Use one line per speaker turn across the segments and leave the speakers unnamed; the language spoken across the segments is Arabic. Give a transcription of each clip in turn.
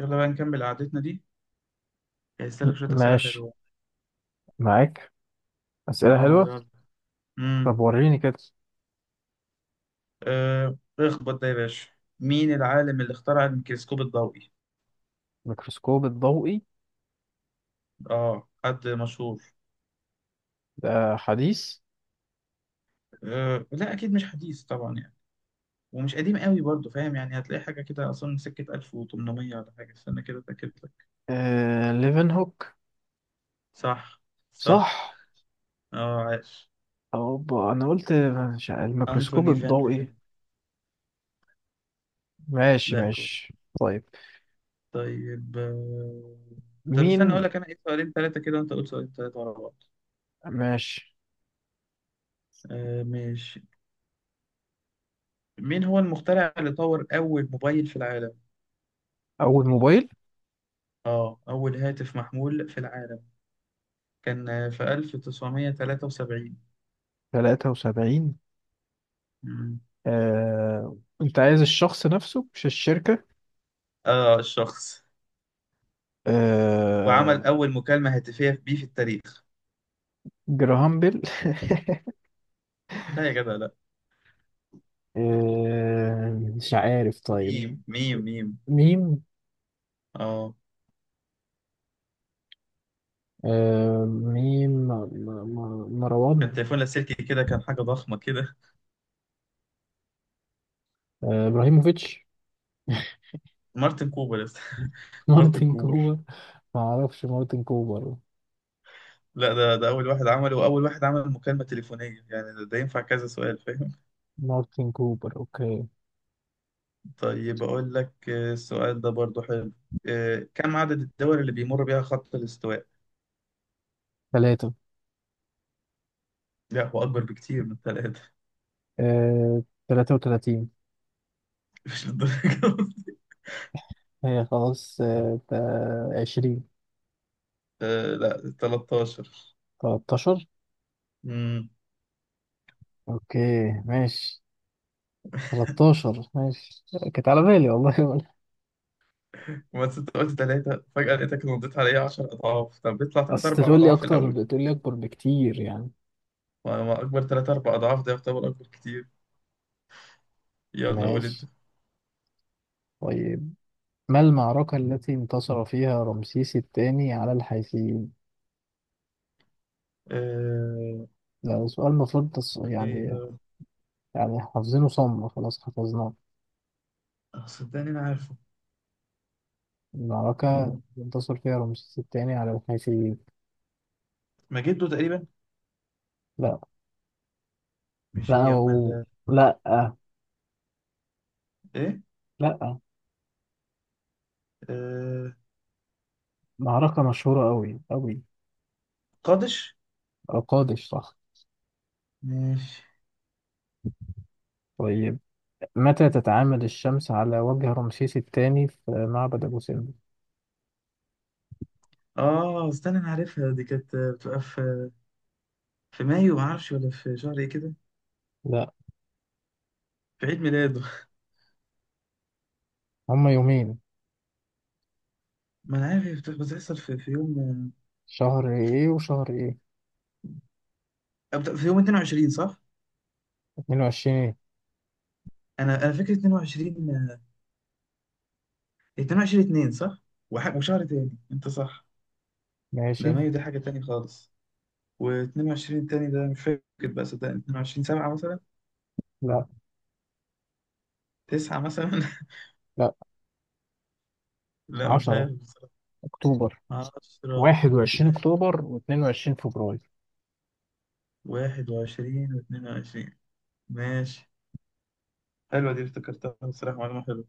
يلا بقى نكمل قعدتنا دي. هيسألك
م-
شوية أسئلة
ماشي
حلوة.
معاك. أسئلة
اه،
حلوة.
يلا. امم
طب وريني كده.
اخبط ده يا باشا. مين العالم اللي اخترع الميكروسكوب الضوئي؟
الميكروسكوب الضوئي
اه، حد مشهور.
ده حديث.
آه، لا أكيد مش حديث طبعا يعني. ومش قديم قوي برضه، فاهم، يعني هتلاقي حاجة كده أصلا من سكة 1800 ولا حاجة. استنى كده أتأكد لك.
ليفنهوك.
صح، صح.
صح.
اه، عاش.
أوبا، أنا قلت. مش عارف، الميكروسكوب
أنتوني فان ليفن.
الضوئي. ماشي
لا، كويس.
ماشي. طيب.
طيب. طب استنى أقول
مين
لك أنا إيه، سؤالين ثلاثة كده، وأنت قول سؤالين ثلاثة ورا بعض.
ماشي؟
آه، ماشي. مين هو المخترع اللي طور أول موبايل في العالم؟
أول موبايل.
آه، أول هاتف محمول في العالم. كان في 1973.
73.
مم.
أنت عايز الشخص نفسه، مش الشركة.
آه، الشخص. وعمل
آه...
أول مكالمة هاتفية بيه في التاريخ.
جراهام بيل.
لا يا جدع، لا.
مش عارف،
ميم،
طيب.
ميم، ميم.
مين؟
آه.
مين
كان
مروان.
تليفون لاسلكي كده، كان حاجة ضخمة كده.
ابراهيموفيتش.
مارتن كوبر يا أسطى. مارتن
مارتن
كوبر.
كوبر. ما اعرفش مارتن كوبر.
لا، ده أول واحد عمله وأول واحد عمل مكالمة تليفونية. يعني ده ينفع كذا سؤال، فاهم.
مارتن كوبر، اوكي.
طيب أقول لك، السؤال ده برضو حلو. كم عدد الدول اللي بيمر بيها خط الاستواء؟
ثلاثة.
لا، هو أكبر بكتير من ثلاثة.
آه، 33.
مش للدرجة دي.
هي خلاص، 20.
آه، لا، 13.
13.
امم
اوكي ماشي. 13، ماشي. كانت على بالي والله.
بس أنت قلت ثلاثة، فجأة لقيتك نضيت عليا 10 أضعاف. طب بيطلع ثلاث
اصل
أربع
تقول لي
أضعاف
اكتر،
الأول.
بتقول لي اكبر بكتير يعني.
ما أكبر ثلاث أربع أضعاف ده يعتبر أكبر كتير. يلا قول أنت.
ماشي. طيب. ما المعركة التي انتصر فيها رمسيس الثاني على الحيثيين؟
آه،
ده سؤال المفروض يعني،
إيه.
يعني حافظينه صم، خلاص حفظناه.
صدقني أنا عارفه.
المعركة انتصر فيها رمسيس الثاني على الحيثيين.
مجدو تقريبا.
لا.
مش
لا
هي أمال؟
لا،
إيه.
لا.
آه،
معركة مشهورة أوي أوي.
قادش.
قادش، صح.
ماشي.
طيب. متى تتعامد الشمس على وجه رمسيس الثاني في معبد أبو سمبل؟
اه، استنى، انا عارفها دي. كانت بتبقى في مايو، ما اعرفش ولا في شهر ايه كده.
لا،
في عيد ميلاده.
هما يومين.
ما انا عارف، هي بتحصل في يوم.
شهر إيه وشهر إيه؟
في يوم 22، صح.
22 إيه؟
انا فاكر 22، 22 2 صح. وشهر تاني انت صح. ده
ماشي.
مايو ده حاجة تاني خالص. و22 التاني ده مش فاكر بقى، صدقني 22 7 مثلا.
لا
9 مثلا.
لا.
لا، مش
10
عارف بصراحة.
أكتوبر.
10.
21
يعني
أكتوبر و22 فبراير.
21 و22. ماشي. حلوة دي، افتكرتها بصراحة. معلومة حلوة.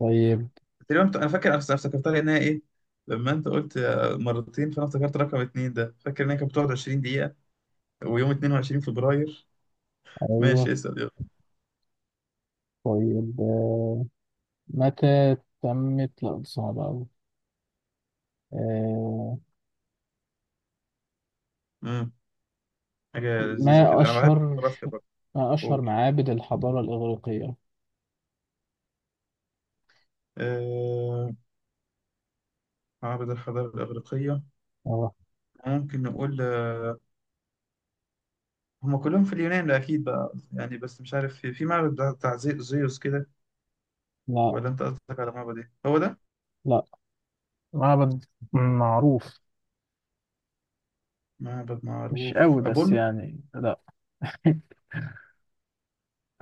طيب
تقريبا انا فاكر، انا افتكرتها لانها ايه، لما انت قلت مرتين، فانا افتكرت رقم اتنين ده، فاكر انها كانت بتقعد 20 دقيقة ويوم 22 فبراير.
أيوه.
ماشي، اسأل يلا.
طيب، متى تمت. لا دي صعبة أوي. آه،
امم حاجة لذيذة
ما
كده، انا بحب
أشهر،
الجغرافيا برضه.
ما أشهر
قول.
معابد الحضارة الإغريقية؟
آه... معبد الحضارة الإغريقية.
أه.
ممكن نقول هم كلهم في اليونان ده أكيد بقى يعني، بس مش عارف في، معبد بتاع زيوس كده.
لا.
ولا أنت قصدك على معبد إيه؟ هو ده
لا. معبد معروف.
معبد
مش
معروف،
قوي بس
أبولو؟
يعني، لا.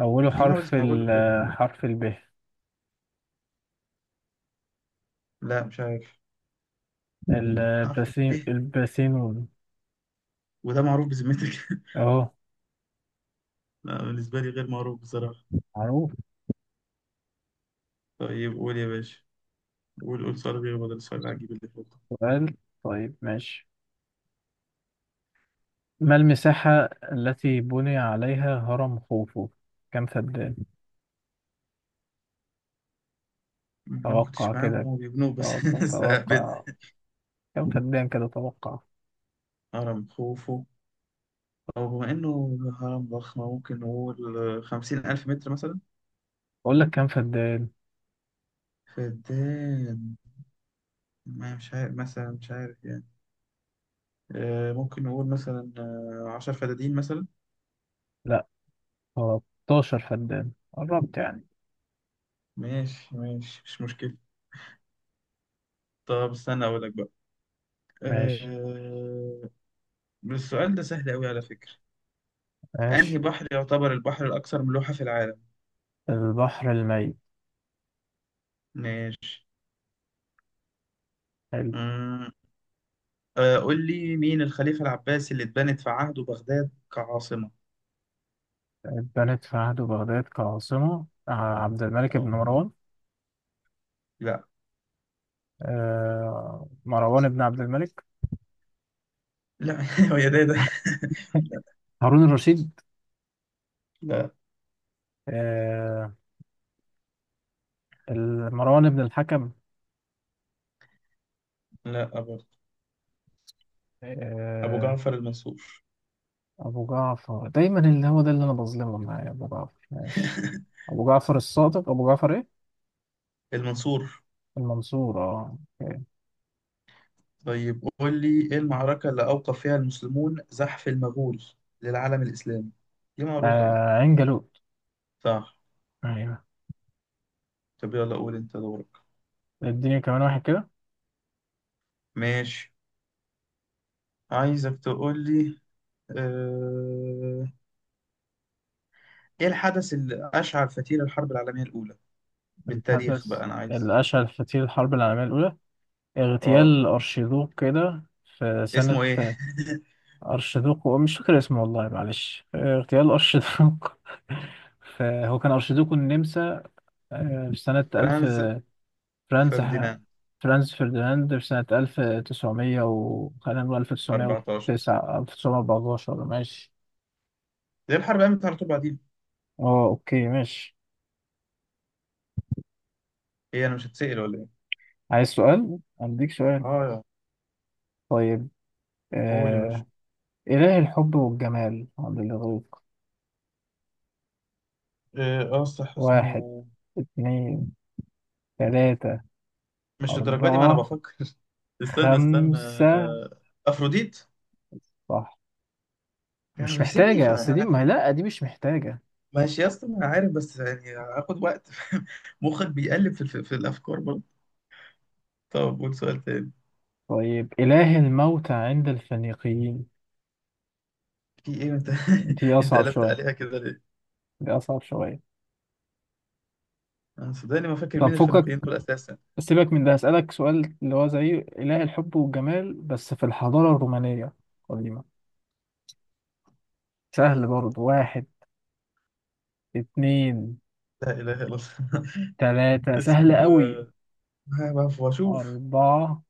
أوله
في معبد
حرف
اسمه أبولو
ال.
بجد؟
حرف ال.
لا، مش عارف. حرف ال ب.
الباسينون.
وده معروف بذمتك؟
أهو،
لا، بالنسبة لي غير معروف بصراحة.
معروف.
طيب قول يا باشا. قول قول سؤال غير، بدل السؤال
بس
العجيب اللي فوق.
سؤال. طيب ماشي. ما المساحة التي بني عليها هرم خوفو؟ كم فدان؟
أنا ما
توقع
كنتش معاهم
كده.
هو بيبنوه بس.
اه،
بدأ.
تتوقع. كم فدان كده، توقع.
هرم خوفو، أو بما إنه هرم ضخم ممكن نقول 50,000 متر مثلا.
اقول لك كم فدان.
فدان. ما مش عارف مثلا، مش عارف يعني. ممكن نقول مثلا 10 فدادين مثلا.
لا، 13 فدان، قربت يعني.
ماشي ماشي، مش مشكلة. طب استنى أقول لك بقى،
ماشي
آه، السؤال ده سهل أوي على فكرة. أنهي
ماشي.
بحر يعتبر البحر الأكثر ملوحة في العالم؟
البحر الميت.
ماشي.
حلو.
أمم، آه، قول لي مين الخليفة العباسي اللي اتبنت في عهده بغداد كعاصمة.
اتبنت في عهد بغداد كعاصمة، عبد الملك بن
أو.
مروان.
لا.
مروان بن عبد الملك.
لا. هو يا ده ده.
هارون الرشيد.
لا.
آه مروان بن الحكم.
لا، أبو
آه.
جعفر المنصور.
أبو جعفر دايما، اللي هو ده اللي أنا بظلمه، معايا أبو جعفر، ماشي. أبو جعفر الصادق، أبو جعفر إيه؟
المنصور.
المنصور، اه.
طيب قول لي إيه المعركة اللي أوقف فيها المسلمون زحف المغول للعالم الإسلامي. دي معروفة بقى.
عين جالوت.
صح.
أيوه.
طب يلا قول أنت دورك.
اديني كمان واحد كده.
ماشي، عايزك تقول لي آه، إيه الحدث اللي أشعل فتيل الحرب العالمية الأولى، بالتاريخ
الحدث
بقى أنا عايز.
الأشهر في تاريخ الحرب العالمية الأولى،
اه،
اغتيال أرشيدوق كده في سنة.
اسمه ايه؟
أرشيدوق مش فاكر اسمه والله، معلش، اغتيال أرشيدوق. هو كان أرشيدوق النمسا، في سنة 1000.
فرانز
فرانز.
فرديناند.
فرانز فرديناند، في سنة 1900، و خلينا نقول ألف تسعمية
14.
وتسعة 1914، ماشي.
ليه الحرب قامت على طول بعدين.
اه أوكي ماشي.
ايه، انا مش هتسأل ولا ايه؟
عايز سؤال؟ أديك سؤال.
اه يا.
طيب،
قول يا باشا.
آه. إله الحب والجمال؟ عبد الغفور.
إيه، اه، صح
واحد،
اسمه.
اتنين، تلاتة،
مش الدرجه دي، ما انا
أربعة،
بفكر. استنى، استنى،
خمسة.
افروديت.
صح. مش
يعني سيبني ف...
محتاجة، أصل دي، ما لأ، دي مش محتاجة.
ماشي يا اسطى، ما انا عارف، بس يعني هاخد وقت. مخك بيقلب في الافكار برضه. طب قول سؤال تاني.
طيب. إله الموتى عند الفينيقيين.
في ايه انت؟
دي
انت
أصعب
قلبت
شوية.
عليها كده ليه؟
دي أصعب شوية.
انا صدقني ما فاكر
طب
مين
فكك.
الفينيقيين دول اساسا.
سيبك من ده، هسألك سؤال اللي هو زي إله الحب والجمال بس في الحضارة الرومانية القديمة. سهل برضه. واحد، اتنين،
لا اله الا الله.
تلاتة، سهل
اسمه
قوي.
ها بقى واشوف.
أربعة،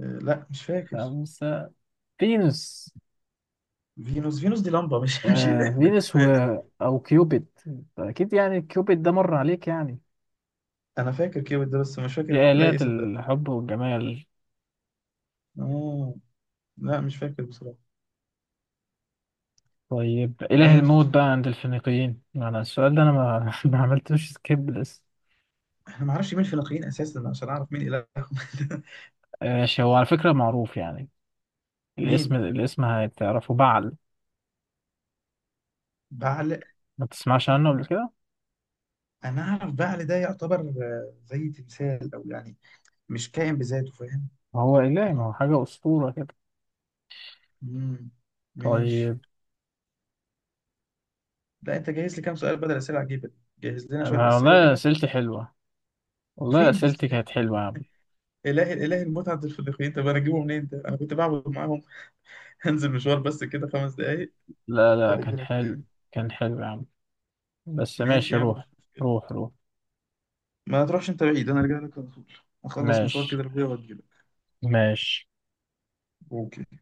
لا مش فاكر.
خمسة. فينوس.
فينوس. فينوس دي لمبة، مش مش
آه
إله
فينوس و...
بالنسبة لي.
او كيوبيد. اكيد يعني، كيوبيد ده مر عليك يعني.
أنا فاكر كيوت ده، بس مش
دي
فاكر إله
آلهة
إيه، صدق.
الحب والجمال.
آه، لا مش فاكر بصراحة.
طيب إله الموت
ماشي.
بقى عند الفينيقيين. أنا السؤال ده أنا ما, ما عملتوش سكيب لسه.
أنا معرفش مين فينيقيين أساسا عشان أعرف مين إلههم.
ماشي، هو على فكرة معروف يعني.
مين.
الاسم هتعرفه، بعل.
بعل.
ما تسمعش عنه قبل كده؟
أنا أعرف بعل ده يعتبر زي تمثال، أو يعني مش كائن بذاته، فاهم.
هو إله، ما هو
آه.
حاجة أسطورة كده.
مم.
طيب.
ماشي. لا، أنت جاهز لي كام سؤال بدل أسئلة عجيبة دي؟ جهز لنا شوية
أنا
أسئلة
والله
كده.
أسئلتي حلوة. والله
فين يا
أسئلتي
اسطى.
كانت حلوة يا عم.
إله الإله المتعة الفلبين، طب أنا أجيبه منين ده؟ أنا كنت بعبد معاهم؟ هنزل مشوار بس كده 5 دقايق
لا لا،
وأجي
كان
لك
حلو.
تاني.
كان حلو يا عم. بس
ماشي
ماشي،
يا عم، مش
روح.
مشكلة.
روح روح.
ما تروحش أنت بعيد، أنا أرجع لك على طول. أخلص مشوار
ماشي
كده لأبويا وأجي لك.
ماشي.
أوكي.